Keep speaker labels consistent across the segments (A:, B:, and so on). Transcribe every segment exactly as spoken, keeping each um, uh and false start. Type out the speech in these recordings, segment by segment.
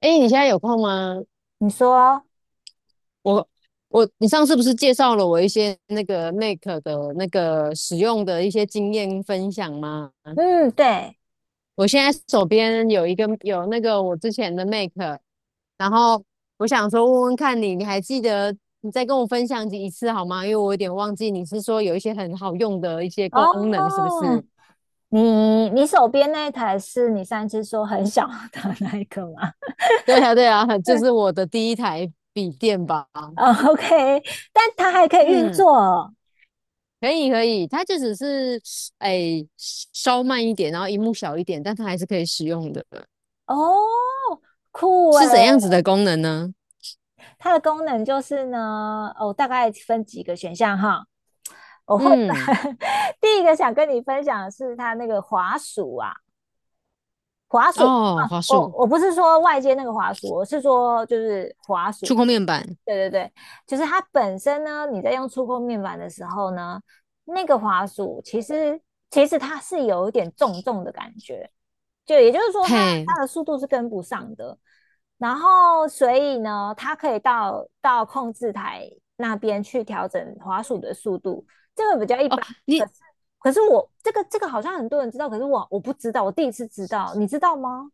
A: 哎，你现在有空吗？
B: 你说，
A: 我我，你上次不是介绍了我一些那个 m a k e 的那个使用的一些经验分享吗？
B: 嗯，对，
A: 我现在手边有一个有那个我之前的 m a k e， 然后我想说问问看你，你还记得你再跟我分享一次好吗？因为我有点忘记，你是说有一些很好用的一些功能，是不
B: 哦，
A: 是？
B: 你你手边那一台是你上一次说很小的那一个吗？
A: 对啊，对啊，就是我的第一台笔电吧。
B: 哦 o k。 但它还可以运
A: 嗯。
B: 作哦？
A: 可以可以，它就只是哎稍慢一点，然后荧幕小一点，但它还是可以使用的。
B: 哦，酷
A: 是怎
B: 诶，
A: 样子的功能呢？
B: 它的功能就是呢，哦，大概分几个选项哈，我会
A: 嗯，
B: 第一个想跟你分享的是它那个滑鼠啊，滑鼠。
A: 哦，
B: 啊，
A: 华
B: 我
A: 硕
B: 我不是说外接那个滑鼠，我是说就是滑
A: 触
B: 鼠，
A: 控面板，
B: 对对对，就是它本身呢，你在用触控面板的时候呢，那个滑鼠其实其实它是有一点重重的感觉，就也就是说它
A: 嘿，
B: 它的速度是跟不上的。然后所以呢，它可以到到控制台那边去调整滑鼠的速度，这个比较一
A: 哦，
B: 般。可
A: 你
B: 是可是我这个这个好像很多人知道，可是我我不知道，我第一次知道，你知道吗？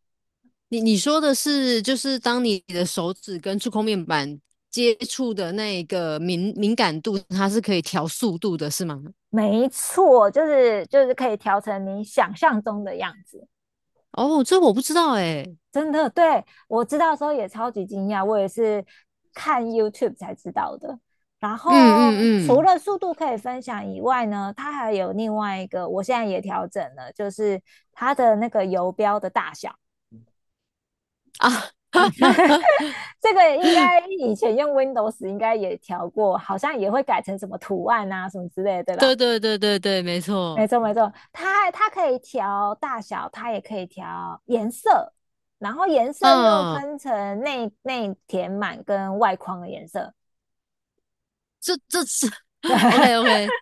A: 你你说的是就是当你的手指跟触控面板接触的那个敏敏感度，它是可以调速度的，是吗？
B: 没错，就是就是可以调成你想象中的样子。
A: 哦，这我不知道哎。
B: 真的，对，我知道的时候也超级惊讶，我也是看 YouTube 才知道的。然
A: 嗯
B: 后
A: 嗯
B: 除
A: 嗯，
B: 了速度可以分享以外呢，它还有另外一个，我现在也调整了，就是它的那个游标的大小。
A: 啊，
B: 嗯 这个应该以前用 Windows 应该也调过，好像也会改成什么图案啊什么之类的，对吧？
A: 对对对对对，没
B: 没
A: 错。
B: 错没错，它它可以调大小，它也可以调颜色，然后颜色又
A: 嗯，
B: 分成内内填满跟外框的颜色。
A: 这这是 OK OK，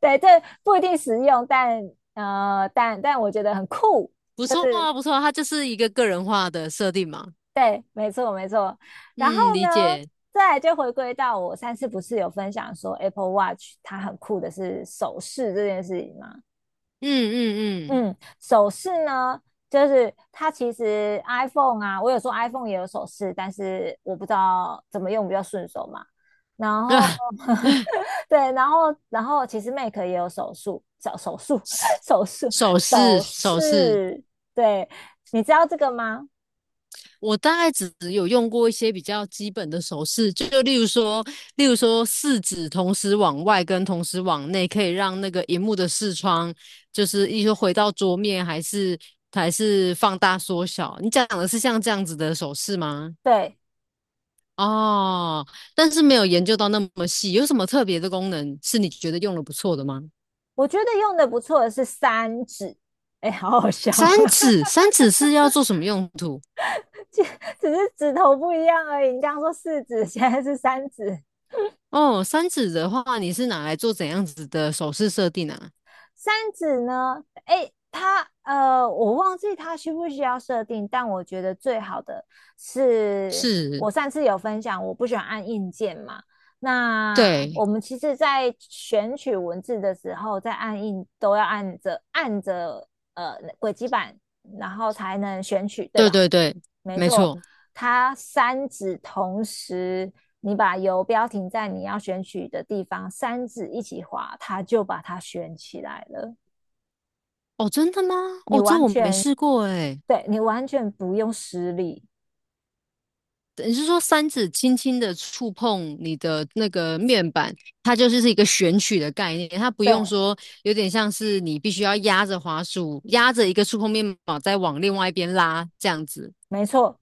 B: 对，这不一定实用，但呃，但但我觉得很酷。
A: 不错啊，不错啊，它就是一个个人化的设定嘛。
B: 对，没错没错。然后
A: 嗯，理
B: 呢，
A: 解。
B: 再来就回归到我上次不是有分享说 Apple Watch 它很酷的是手势这件事情吗？
A: 嗯嗯
B: 嗯，手饰呢，就是它其实 iPhone 啊，我有说 iPhone 也有手饰，但是我不知道怎么用比较顺手嘛。然
A: 嗯，
B: 后，
A: 啊，
B: 对，然后，然后其实 Mac 也有手术，手手术，手术，
A: 手
B: 手
A: 势手势，
B: 势，对，你知道这个吗？
A: 我大概只有用过一些比较基本的手势，就例如说，例如说四指同时往外跟同时往内，可以让那个荧幕的视窗就是一直回到桌面，还是还是放大缩小。你讲的是像这样子的手势吗？
B: 对，
A: 哦，但是没有研究到那么细，有什么特别的功能是你觉得用的不错的吗？
B: 我觉得用的不错的是三指，哎，好好笑啊，
A: 三指，三指是要做什么用途？
B: 只是指头不一样而已。你刚刚说四指，现在是三指。
A: 哦，三指的话，你是拿来做怎样子的手势设定啊？
B: 三指呢？哎，它呃，我忘记它需不需要设定，但我觉得最好的是
A: 是，
B: 我上次有分享，我不喜欢按硬件嘛。那
A: 对，
B: 我们其实，在选取文字的时候，在按印都要按着按着呃轨迹板，然后才能选取，对
A: 对
B: 吧？
A: 对对，
B: 没
A: 没
B: 错，
A: 错。
B: 它三指同时，你把游标停在你要选取的地方，三指一起滑，它就把它选起来了。
A: 哦，真的吗？
B: 你
A: 哦，这
B: 完
A: 我没
B: 全
A: 试过诶。
B: 对你完全不用施力，
A: 你是说三指轻轻的触碰你的那个面板，它就是是一个选取的概念，它不用
B: 对，
A: 说有点像是你必须要压着滑鼠，压着一个触碰面板再往另外一边拉这样子。
B: 没错，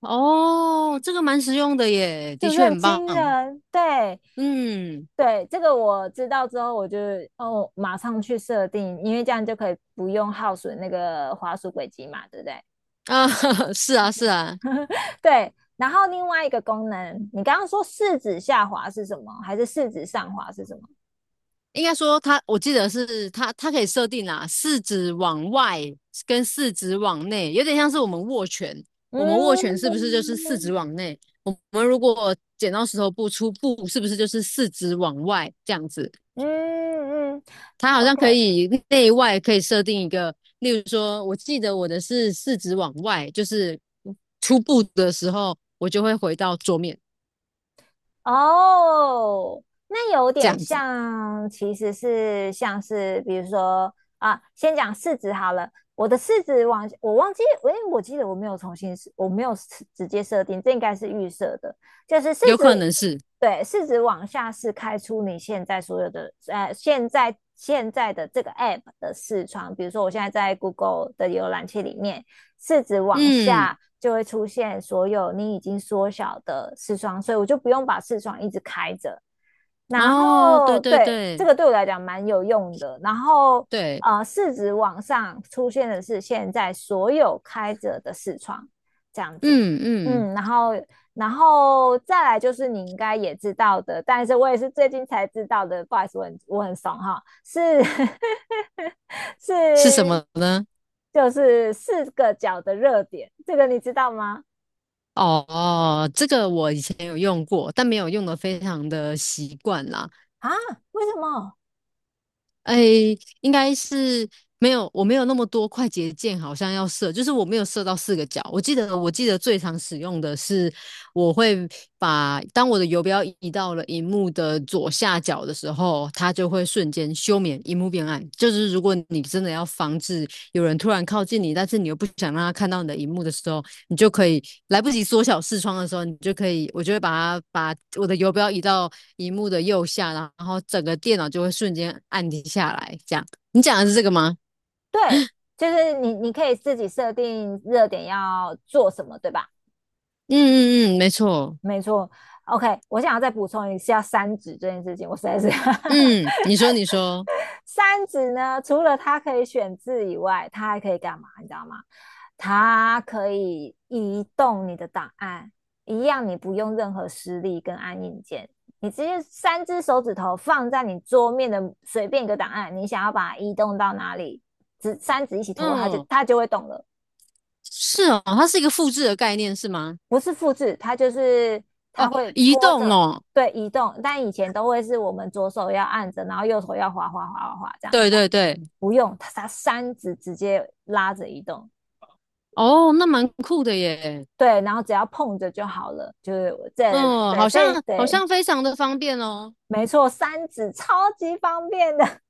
A: 哦，这个蛮实用的耶，
B: 是
A: 的
B: 不是
A: 确
B: 很
A: 很棒。
B: 惊人？对
A: 嗯，
B: 对，这个我知道之后，我就哦马上去设定，因为这样就可以不用耗损那个滑鼠轨迹嘛，对不对？
A: 啊，是啊，是啊，
B: 对，然后另外一个功能，你刚刚说四指下滑是什么？还是四指上滑是什么？
A: 应该说它，我记得是它，它可以设定啦，四指往外跟四指往内，有点像是我们握拳，我们握拳是不是就
B: 嗯
A: 是四指往内？我们如果剪刀石头布出布，是不是就是四指往外这样子？
B: 嗯嗯
A: 它好像可
B: ，OK,
A: 以内外可以设定一个，例如说，我记得我的是四指往外，就是出布的时候，我就会回到桌面
B: 哦，那有
A: 这
B: 点
A: 样子，
B: 像，其实是像是，比如说啊，先讲市值好了。我的市值往，我忘记，诶，我记得我没有重新设，我没有设直接设定，这应该是预设的，就是市
A: 有
B: 值，
A: 可能是，
B: 对，市值往下是开出你现在所有的，呃，现在现在的这个 app 的视窗，比如说我现在在 Google 的浏览器里面。四指往下
A: 嗯，
B: 就会出现所有你已经缩小的视窗，所以我就不用把视窗一直开着，然
A: 哦，对
B: 后
A: 对
B: 对这
A: 对
B: 个对我来讲蛮有用的。然后
A: 对。
B: 呃，市值往上出现的是现在所有开着的视窗这样子，
A: 嗯嗯，
B: 嗯，然后然后再来就是你应该也知道的，但是我也是最近才知道的，不好意思，我很我很怂哈，是
A: 是什
B: 是
A: 么呢？
B: 就是四个角的热点，这个你知道吗？
A: 哦，这个我以前有用过，但没有用的非常的习惯啦。
B: 啊，为什么？
A: 哎，应该是没有，我没有那么多快捷键，好像要设，就是我没有设到四个角。我记得，我记得最常使用的是，我会把当我的游标移到了荧幕的左下角的时候，它就会瞬间休眠，荧幕变暗。就是如果你真的要防止有人突然靠近你，但是你又不想让他看到你的荧幕的时候。你就可以来不及缩小视窗的时候，你就可以，我就会把它把我的游标移到荧幕的右下，然后整个电脑就会瞬间按停下来。这样，你讲的是这个吗？
B: 对，就是你你可以自己设定热点要做什么，对吧？
A: 嗯嗯嗯，没错。
B: 没错，OK,我想要再补充一下三指这件事情，我实在是
A: 嗯，你说你说，
B: 三指呢，除了它可以选字以外，它还可以干嘛？你知道吗？它可以移动你的档案，一样你不用任何实力跟按硬件，你直接三只手指头放在你桌面的随便一个档案，你想要把它移动到哪里，只三指一起拖，它就
A: 嗯，
B: 它就会动了。
A: 是哦，它是一个复制的概念是吗？
B: 不是复制，它就是它
A: 哦，
B: 会
A: 移
B: 拖
A: 动
B: 着
A: 哦，
B: 对移动，但以前都会是我们左手要按着，然后右手要滑滑滑滑滑这样对
A: 对
B: 吧？
A: 对对，
B: 不用，它它三指直接拉着移动，
A: 哦，那蛮酷的耶。
B: 对，然后只要碰着就好了，就是这
A: 嗯，
B: 对
A: 好
B: 非
A: 像好
B: 对，
A: 像非常的方便哦。
B: 没错，三指超级方便的，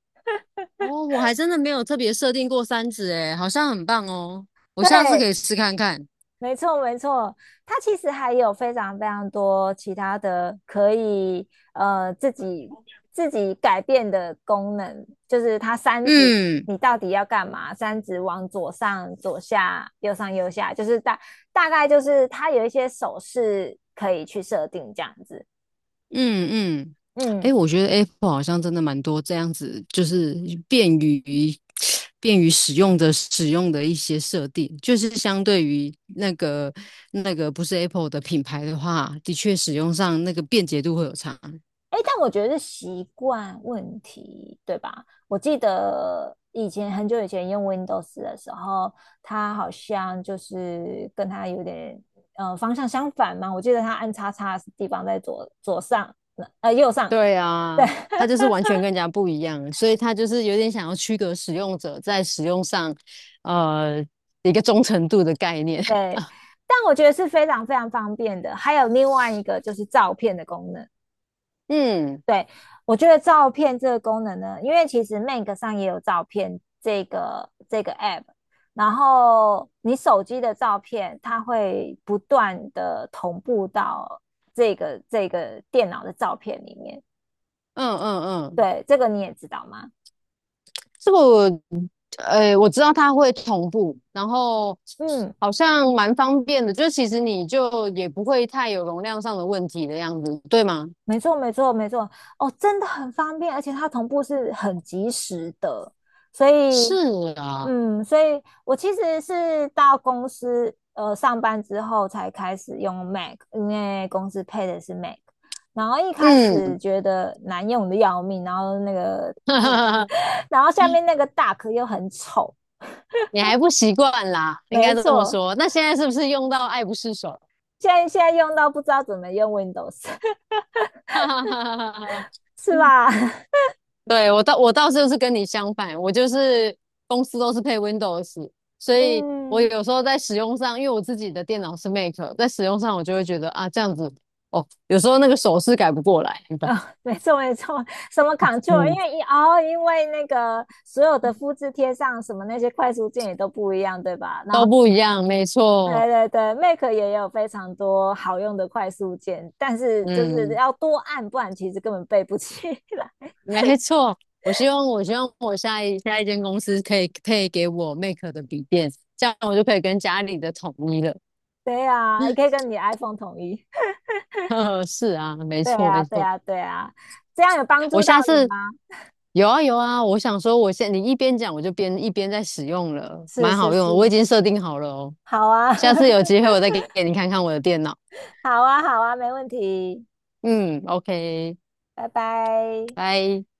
A: 哦，我还真的没有特别设定过三指诶，好像很棒哦。我下次可
B: 对，
A: 以试看看。
B: 没错，没错，它其实还有非常非常多其他的可以呃自己自己改变的功能，就是它三指
A: 嗯
B: 你到底要干嘛？三指往左上、左下、右上、右下，就是大大概就是它有一些手势可以去设定这样子。
A: 嗯嗯，
B: 嗯，
A: 哎，我觉得 Apple 好像真的蛮多这样子，就是便于 便于使用的使用的一些设定，就是相对于那个那个不是 Apple 的品牌的话，的确使用上那个便捷度会有差。
B: 哎，但我觉得是习惯问题，对吧？我记得以前很久以前用 Windows 的时候，它好像就是跟它有点呃方向相反嘛。我记得它按叉叉的地方在左左上，呃右上，
A: 对
B: 对
A: 啊，它 就是完全跟人家不一样，所以它就是有点想要区隔使用者在使用上，呃，一个忠诚度的概念。
B: 对。但我觉得是非常非常方便的。还有另外一个就是照片的功能，
A: 嗯
B: 对，我觉得照片这个功能呢，因为其实 m a c 上也有照片这个这个 app,然后你手机的照片，它会不断的同步到这个这个电脑的照片里面。
A: 嗯嗯嗯。
B: 对，这个你也知道吗？
A: 这个我呃我知道它会同步，然后
B: 嗯，
A: 好像蛮方便的，就其实你就也不会太有容量上的问题的样子，对吗？
B: 没错，没错，没错。哦，真的很方便，而且它同步是很及时的，所以
A: 是啊，
B: 嗯，所以我其实是到公司呃上班之后才开始用 Mac,因为公司配的是 Mac。然后一开始
A: 嗯，
B: 觉得难用的要命，然后那个嗯，然后下面那个 Dock 又很丑，
A: 你还不习惯啦，应
B: 没
A: 该这么
B: 错，
A: 说。那现在是不是用到爱不释手？
B: 现在现在用到不知道怎么用 Windows,
A: 哈哈哈哈哈。
B: 是 吧？
A: 对，我倒我倒是就是跟你相反，我就是公司都是配 Windows，所 以我
B: 嗯。
A: 有时候在使用上，因为我自己的电脑是 Mac，在使用上我就会觉得啊这样子哦，有时候那个手势改不过来，对吧？
B: 啊、没错没错，什么 Control,因
A: 嗯，
B: 为一哦，因为那个所有的复制贴上什么那些快速键也都不一样，对吧？然
A: 都
B: 后。
A: 不一样，没
B: 对
A: 错，
B: 对对，Mac 也有非常多好用的快速键，但是就是
A: 嗯，
B: 要多按，不然其实根本背不起来。
A: 没错。我希望我希望我下一下一间公司可以配给我 Mac 的笔电，这样我就可以跟家里的统一了。
B: 对呀、也可以跟你 iPhone 统一。
A: 呵呵，是啊，没
B: 对
A: 错
B: 啊，
A: 没
B: 对
A: 错。
B: 啊，对啊，这样有帮
A: 我
B: 助到
A: 下
B: 你
A: 次
B: 吗？
A: 有啊有啊，我想说，我现你一边讲，我就边一边在使用了，
B: 是
A: 蛮
B: 是
A: 好用的我已
B: 是，
A: 经设定好了哦。
B: 好啊，
A: 下次有机 会我再给给你看看我的电脑。
B: 好啊，好啊，没问题，
A: 嗯，OK，
B: 拜拜。
A: 拜。